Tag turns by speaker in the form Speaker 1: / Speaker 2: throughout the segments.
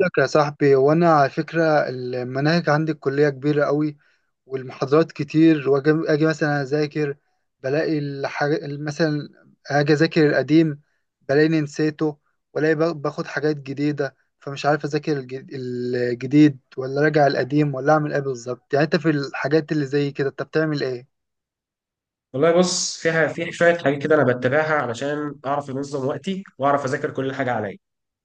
Speaker 1: لك يا صاحبي، وانا على فكرة المناهج عندي الكلية كبيرة قوي، والمحاضرات كتير. واجي مثلا اذاكر بلاقي الحاجة، مثلا اجي اذاكر القديم بلاقيني نسيته، والاقي باخد حاجات جديدة. فمش عارف اذاكر الجديد ولا راجع القديم ولا اعمل ايه بالظبط. يعني انت في الحاجات اللي زي كده انت بتعمل ايه؟
Speaker 2: والله بص، فيها في شويه حاجات كده انا بتبعها علشان اعرف انظم وقتي واعرف اذاكر كل حاجه عليا.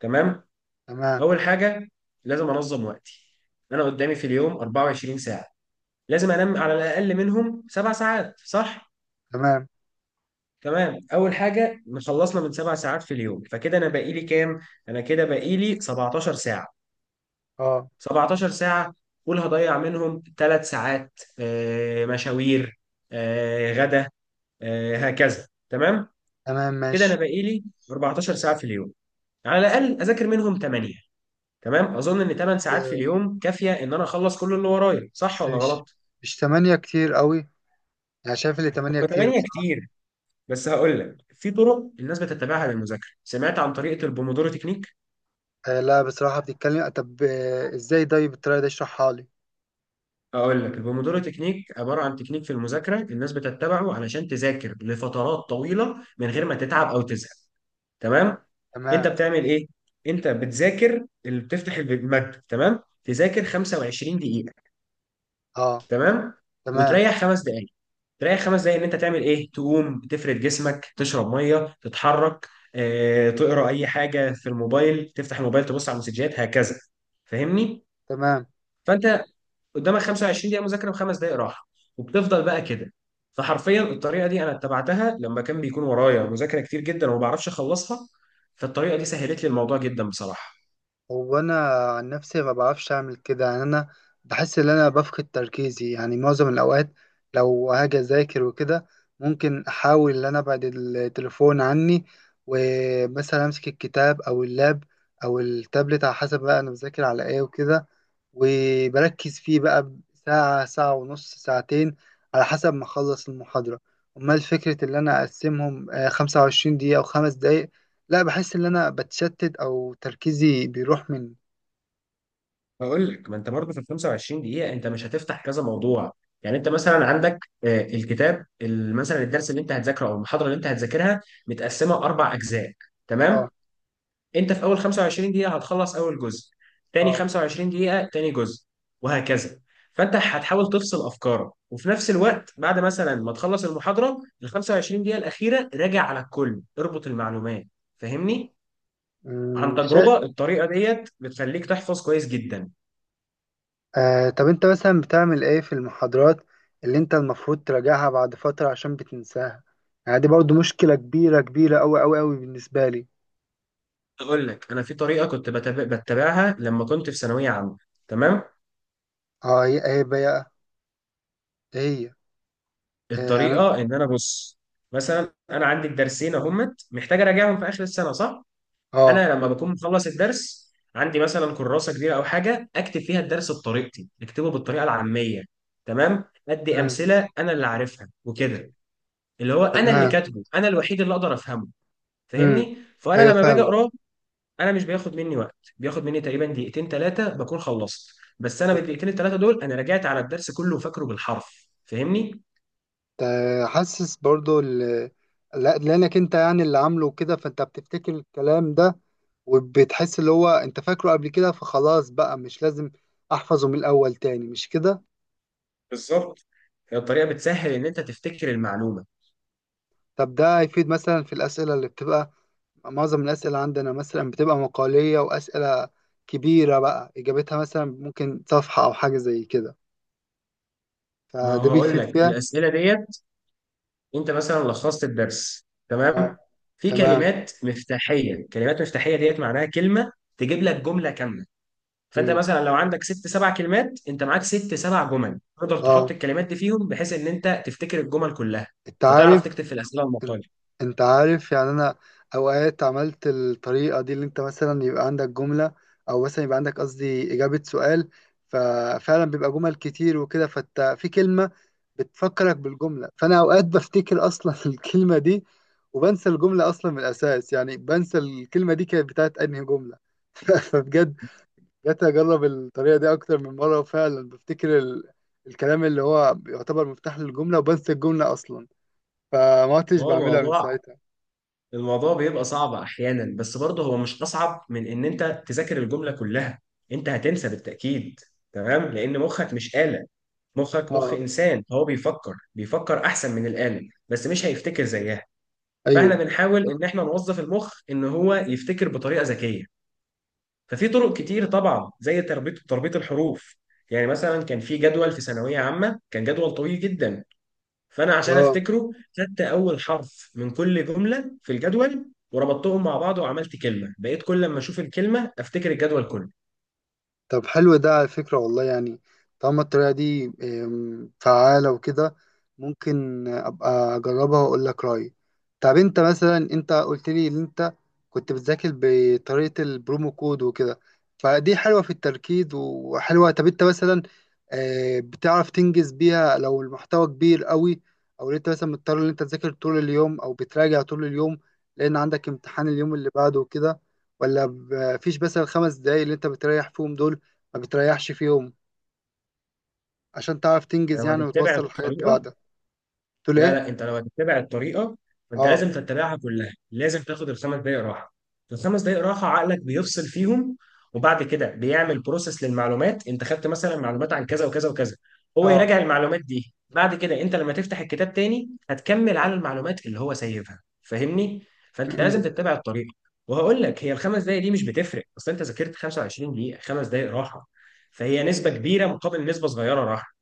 Speaker 2: تمام،
Speaker 1: تمام.
Speaker 2: اول حاجه لازم انظم وقتي. انا قدامي في اليوم 24 ساعه. لازم انام على الاقل منهم سبع ساعات، صح؟
Speaker 1: تمام.
Speaker 2: تمام، اول حاجه خلصنا من سبع ساعات في اليوم، فكده انا باقي لي كام؟ انا كده باقي لي 17 ساعه.
Speaker 1: اه،
Speaker 2: 17 ساعه، قول هضيع منهم ثلاث ساعات مشاوير، غدا، هكذا. تمام،
Speaker 1: تمام
Speaker 2: كده
Speaker 1: ماشي.
Speaker 2: انا باقي لي 14 ساعه في اليوم، يعني على الاقل اذاكر منهم 8. تمام، اظن ان 8 ساعات في
Speaker 1: آه،
Speaker 2: اليوم كافيه ان انا اخلص كل اللي ورايا، صح
Speaker 1: بس
Speaker 2: ولا
Speaker 1: مش
Speaker 2: غلط؟
Speaker 1: تمانية كتير قوي. يعني شايف اللي تمانية
Speaker 2: هو
Speaker 1: كتير.
Speaker 2: 8 كتير، بس هقول لك في طرق الناس بتتبعها للمذاكره. سمعت عن طريقه البومودورو تكنيك؟
Speaker 1: آه، لا بصراحة بتتكلم. طب ازاي؟ طيب الطريقة دي اشرحها لي.
Speaker 2: اقول لك، البومودورو تكنيك عباره عن تكنيك في المذاكره الناس بتتبعه علشان تذاكر لفترات طويله من غير ما تتعب او تزهق. تمام، انت
Speaker 1: تمام.
Speaker 2: بتعمل ايه؟ انت بتذاكر، اللي بتفتح الماده، تمام، تذاكر 25 دقيقه،
Speaker 1: اه.
Speaker 2: تمام،
Speaker 1: تمام.
Speaker 2: وتريح خمس دقائق. تريح خمس دقائق ان انت تعمل ايه؟ تقوم تفرد جسمك، تشرب ميه، تتحرك، تقرا اي حاجه في الموبايل، تفتح الموبايل، تبص على المسجات، هكذا، فاهمني؟
Speaker 1: تمام.
Speaker 2: فانت قدامك 25 دقيقه مذاكره وخمس دقائق راحه، وبتفضل بقى كده. فحرفيا الطريقه دي انا اتبعتها لما كان بيكون ورايا مذاكره كتير جدا وما بعرفش اخلصها، فالطريقه دي سهلت لي الموضوع جدا بصراحه.
Speaker 1: هو انا عن نفسي ما بعرفش اعمل كده، يعني انا بحس ان انا بفقد تركيزي يعني معظم الاوقات. لو هاجي اذاكر وكده ممكن احاول ان انا ابعد التليفون عني، ومثلا امسك الكتاب او اللاب او التابلت على حسب بقى انا بذاكر على ايه وكده. وبركز فيه بقى ساعة، ساعة ونص، ساعتين على حسب ما اخلص المحاضرة. امال فكرة ان انا اقسمهم 25 دقيقة او خمس دقايق؟ لا، بحس ان انا بتشتت او تركيزي بيروح من...
Speaker 2: بقول لك، ما انت برضه في ال 25 دقيقة انت مش هتفتح كذا موضوع. يعني انت مثلا عندك الكتاب مثلا الدرس اللي انت هتذاكره او المحاضرة اللي انت هتذاكرها متقسمة اربع اجزاء،
Speaker 1: اه.
Speaker 2: تمام؟ انت في اول 25 دقيقة هتخلص اول جزء، تاني
Speaker 1: اه.
Speaker 2: 25 دقيقة تاني جزء، وهكذا. فانت هتحاول تفصل افكارك، وفي نفس الوقت بعد مثلا ما تخلص المحاضرة ال 25 دقيقة الأخيرة راجع على الكل، اربط المعلومات، فاهمني؟ عن
Speaker 1: شيء.
Speaker 2: تجربة الطريقة ديت بتخليك تحفظ كويس جدا.
Speaker 1: آه، طب انت مثلا بتعمل ايه في المحاضرات اللي انت المفروض تراجعها بعد فترة عشان بتنساها؟ يعني دي برضو مشكلة كبيرة كبيرة اوي اوي اوي بالنسبة لي.
Speaker 2: اقول لك، انا في طريقه كنت بتبعها لما كنت في ثانويه عامه. تمام،
Speaker 1: اه، هي ايه بقى؟ ايه هي؟ يعني...
Speaker 2: الطريقه ان انا، بص، مثلا انا عندي الدرسين اهمت محتاج اراجعهم في اخر السنه، صح؟
Speaker 1: اه.
Speaker 2: انا لما بكون مخلص الدرس عندي مثلا كراسه كبيره او حاجه اكتب فيها الدرس بطريقتي، اكتبه بالطريقه العاميه، تمام، ادي
Speaker 1: امم.
Speaker 2: امثله انا اللي عارفها وكده، اللي هو انا اللي
Speaker 1: تمام.
Speaker 2: كاتبه انا الوحيد اللي اقدر افهمه،
Speaker 1: امم.
Speaker 2: فاهمني؟ فانا
Speaker 1: ايوه
Speaker 2: لما باجي
Speaker 1: فاهم.
Speaker 2: اقراه انا مش بياخد مني وقت، بياخد مني تقريبا دقيقتين ثلاثه بكون خلصت. بس انا
Speaker 1: وبت-
Speaker 2: بالدقيقتين الثلاثه دول انا رجعت على الدرس كله وفاكره بالحرف، فاهمني؟
Speaker 1: حاسس برضو ال... لا لانك انت يعني اللي عامله كده، فانت بتفتكر الكلام ده، وبتحس اللي هو انت فاكره قبل كده فخلاص بقى مش لازم احفظه من الاول تاني، مش كده؟
Speaker 2: بالظبط، هي الطريقه بتسهل ان انت تفتكر المعلومه.
Speaker 1: طب ده هيفيد مثلا في الاسئله اللي بتبقى... معظم الاسئله عندنا مثلا بتبقى مقاليه واسئله كبيره بقى، اجابتها مثلا ممكن صفحه او حاجه زي كده.
Speaker 2: ما هو
Speaker 1: فده
Speaker 2: هقول
Speaker 1: بيفيد
Speaker 2: لك
Speaker 1: فيها؟
Speaker 2: الاسئله ديت، انت مثلا لخصت الدرس
Speaker 1: اه.
Speaker 2: تمام، في
Speaker 1: تمام.
Speaker 2: كلمات مفتاحيه. كلمات مفتاحيه ديت معناها كلمه تجيب لك جمله كامله، فانت
Speaker 1: مم.
Speaker 2: مثلا لو عندك ست سبع كلمات انت معاك ست سبع جمل، تقدر تحط
Speaker 1: اه.
Speaker 2: الكلمات دي فيهم بحيث ان انت تفتكر الجمل كلها،
Speaker 1: انت
Speaker 2: فتعرف
Speaker 1: عارف.
Speaker 2: تكتب في الاسئله
Speaker 1: انت
Speaker 2: المقالة.
Speaker 1: انت عارف يعني انا اوقات عملت الطريقه دي اللي انت مثلا يبقى عندك جمله، او مثلا يبقى عندك قصدي اجابه سؤال، ففعلا بيبقى جمل كتير وكده فانت في كلمه بتفكرك بالجمله، فانا اوقات بفتكر اصلا الكلمه دي وبنسى الجمله اصلا من الاساس، يعني بنسى الكلمه دي كانت بتاعت انهي جمله. فبجد جت اجرب الطريقه دي اكتر من مره، وفعلا بفتكر ال... الكلام اللي هو يعتبر مفتاح للجمله وبنسى الجمله اصلا، فما عدتش
Speaker 2: هو
Speaker 1: بعملها من
Speaker 2: الموضوع،
Speaker 1: ساعتها.
Speaker 2: الموضوع بيبقى صعب احيانا، بس برضه هو مش اصعب من ان انت تذاكر الجمله كلها. انت هتنسى بالتاكيد، تمام، لان مخك مش آلة. مخك مخ
Speaker 1: اه.
Speaker 2: انسان، هو بيفكر بيفكر احسن من الآلة، بس مش هيفتكر زيها. فاحنا
Speaker 1: ايوه.
Speaker 2: بنحاول ان احنا نوظف المخ ان هو يفتكر بطريقه ذكيه. ففي طرق كتير طبعا، زي تربيط، الحروف. يعني مثلا كان في جدول في ثانويه عامه، كان جدول طويل جدا، فانا عشان
Speaker 1: اه.
Speaker 2: افتكره خدت اول حرف من كل جمله في الجدول وربطتهم مع بعض وعملت كلمه، بقيت كل لما اشوف الكلمه افتكر الجدول كله.
Speaker 1: طب حلو ده على فكرة والله، يعني طالما الطريقة دي فعالة وكده ممكن أبقى أجربها وأقول لك رأيي. طب أنت مثلا، أنت قلت لي إن أنت كنت بتذاكر بطريقة البرومو كود وكده، فدي حلوة في التركيز وحلوة. طب أنت مثلا بتعرف تنجز بيها لو المحتوى كبير قوي؟ أو أنت مثلا مضطر إن أنت تذاكر طول اليوم أو بتراجع طول اليوم لأن عندك امتحان اليوم اللي بعده وكده؟ ولا فيش بس الخمس دقايق اللي انت بتريح فيهم دول؟ ما بتريحش في يوم عشان تعرف تنجز
Speaker 2: لو
Speaker 1: يعني
Speaker 2: هتتبع
Speaker 1: وتوصل الحاجات
Speaker 2: الطريقه،
Speaker 1: ببعضها؟ تقول
Speaker 2: لا
Speaker 1: ايه؟
Speaker 2: لا انت لو هتتبع الطريقه فانت
Speaker 1: اه.
Speaker 2: لازم تتبعها كلها، لازم تاخد الخمس دقائق راحه. الخمس دقائق راحه عقلك بيفصل فيهم، وبعد كده بيعمل بروسيس للمعلومات. انت خدت مثلا معلومات عن كذا وكذا وكذا، هو
Speaker 1: اه.
Speaker 2: يراجع المعلومات دي بعد كده. انت لما تفتح الكتاب تاني هتكمل على المعلومات اللي هو سايبها، فاهمني؟ فانت لازم
Speaker 1: م-م.
Speaker 2: تتبع الطريقه. وهقول لك، هي الخمس دقائق دي مش بتفرق، اصل انت ذاكرت 25 دقيقه، خمس دقائق راحه، فهي نسبه كبيره مقابل نسبه صغيره راحه.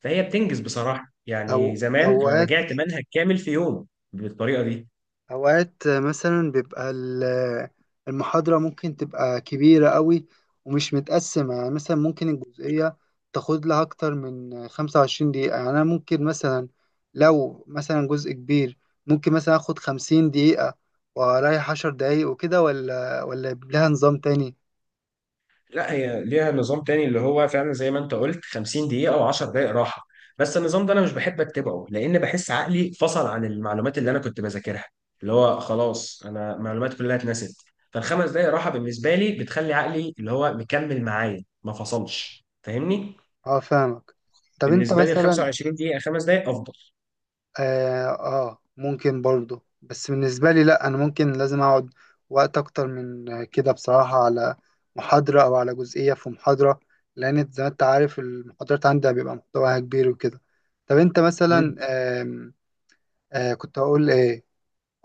Speaker 2: فهي بتنجز بصراحة،
Speaker 1: او
Speaker 2: يعني زمان أنا
Speaker 1: اوقات...
Speaker 2: رجعت منهج كامل في يوم بالطريقة دي.
Speaker 1: اوقات مثلا بيبقى المحاضرة ممكن تبقى كبيرة قوي ومش متقسمة، يعني مثلا ممكن الجزئية تاخد لها اكتر من 25 دقيقة. يعني انا ممكن مثلا لو مثلا جزء كبير ممكن مثلا اخد 50 دقيقة واريح 10 دقايق وكده، ولا لها نظام تاني؟
Speaker 2: لا، هي ليها نظام تاني اللي هو فعلا زي ما أنت قلت 50 دقيقة أو 10 دقايق راحة، بس النظام ده أنا مش بحب أتبعه، لأن بحس عقلي فصل عن المعلومات اللي أنا كنت بذاكرها، اللي هو خلاص أنا معلومات كلها اتنست. فالخمس دقايق راحة بالنسبة لي بتخلي عقلي اللي هو مكمل معايا ما فصلش، فاهمني؟
Speaker 1: اه، فاهمك. طب انت
Speaker 2: بالنسبة لي ال
Speaker 1: مثلا...
Speaker 2: 25 دقيقة خمس دقايق أفضل.
Speaker 1: اه ممكن برضه، بس بالنسبة لي لا، انا ممكن لازم اقعد وقت اكتر من كده بصراحة على محاضرة او على جزئية في محاضرة، لان زي ما انت عارف المحاضرات عندي بيبقى محتواها كبير وكده. طب انت مثلا آم، كنت هقول ايه...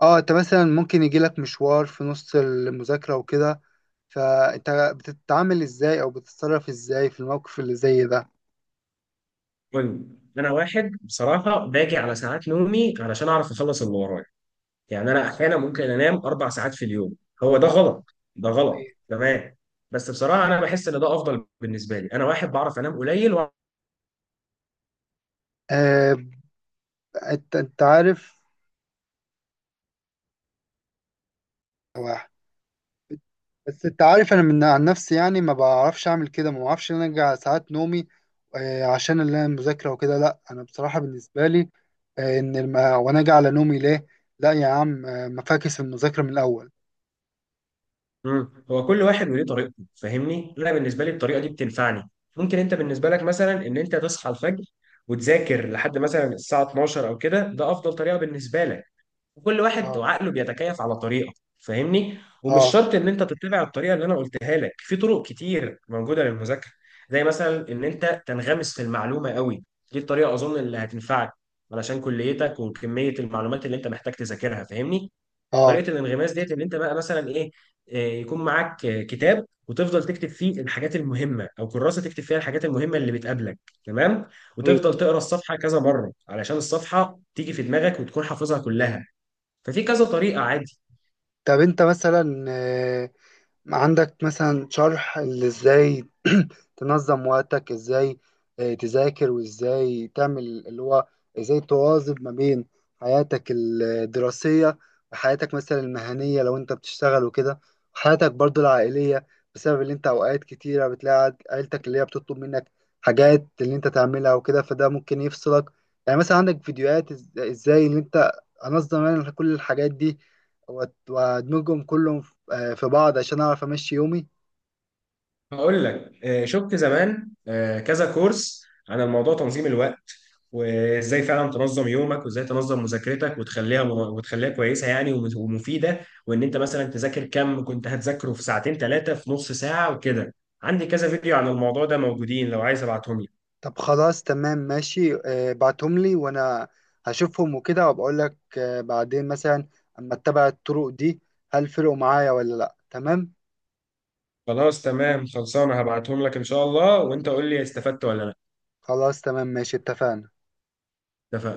Speaker 1: اه، انت مثلا ممكن يجيلك مشوار في نص المذاكرة وكده، فانت بتتعامل ازاي او بتتصرف ازاي في الموقف اللي زي ده؟
Speaker 2: المهم، انا واحد بصراحه باجي على ساعات نومي علشان اعرف اخلص اللي ورايا، يعني انا احيانا ممكن انام اربع ساعات في اليوم. هو ده
Speaker 1: اه.
Speaker 2: غلط، ده غلط،
Speaker 1: أيوة.
Speaker 2: تمام، بس بصراحه انا بحس ان ده افضل بالنسبه لي. انا واحد بعرف انام قليل و...
Speaker 1: آه انت عارف، بس انت عارف انا من عن نفسي يعني ما بعرفش اعمل كده، ما بعرفش ان انا ارجع ساعات نومي عشان اللي انا المذاكره وكده. لا، انا بصراحه بالنسبه لي ان الم... وانا اجي على نومي ليه؟ لا يا عم، ما فاكس المذاكره من الاول.
Speaker 2: هو كل واحد وليه طريقته، فاهمني؟ انا بالنسبه لي الطريقه دي بتنفعني. ممكن انت بالنسبه لك مثلا ان انت تصحى الفجر وتذاكر لحد مثلا الساعه 12 او كده، ده افضل طريقه بالنسبه لك. وكل واحد
Speaker 1: اه.
Speaker 2: وعقله بيتكيف على طريقه، فاهمني؟ ومش
Speaker 1: اه.
Speaker 2: شرط ان انت تتبع الطريقه اللي انا قلتها لك، في طرق كتير موجوده للمذاكره، زي مثلا ان انت تنغمس في المعلومه قوي. دي الطريقه اظن اللي هتنفعك علشان كليتك وكميه المعلومات اللي انت محتاج تذاكرها، فاهمني؟
Speaker 1: اه.
Speaker 2: طريقه الانغماس ديت ان انت بقى مثلا ايه، يكون معاك كتاب وتفضل تكتب فيه الحاجات المهمه، او كراسه تكتب فيها الحاجات المهمه اللي بتقابلك، تمام،
Speaker 1: ايوه.
Speaker 2: وتفضل تقرا الصفحه كذا مره علشان الصفحه تيجي في دماغك وتكون حافظها كلها. ففي كذا طريقة عادي.
Speaker 1: طب انت مثلا عندك مثلا شرح اللي ازاي تنظم وقتك، ازاي تذاكر، وازاي تعمل اللي هو ازاي تواظب ما بين حياتك الدراسية وحياتك مثلا المهنية لو انت بتشتغل وكده، وحياتك برضو العائلية؟ بسبب اللي انت اوقات كتيرة بتلاقي عيلتك اللي هي بتطلب منك حاجات اللي انت تعملها وكده فده ممكن يفصلك. يعني مثلا عندك فيديوهات ازاي اللي انت انظم انا كل الحاجات دي وادمجهم كلهم في بعض عشان اعرف امشي يومي؟
Speaker 2: هقول لك، شفت زمان كذا كورس عن الموضوع تنظيم الوقت، وازاي فعلا تنظم يومك وازاي تنظم مذاكرتك وتخليها، كويسة يعني ومفيدة، وان انت مثلا تذاكر كم كنت هتذاكره في ساعتين ثلاثة في نص ساعة وكده. عندي كذا فيديو عن الموضوع ده موجودين، لو عايز ابعتهم لك.
Speaker 1: طب خلاص تمام ماشي. بعتهم لي وانا هشوفهم وكده وبقول لك بعدين مثلا اما اتبع الطرق دي هل فرقوا معايا ولا لا. تمام.
Speaker 2: خلاص، تمام، خلصانة، هبعتهم لك ان شاء الله، وانت قول لي استفدت ولا لا.
Speaker 1: خلاص تمام ماشي، اتفقنا.
Speaker 2: اتفقنا؟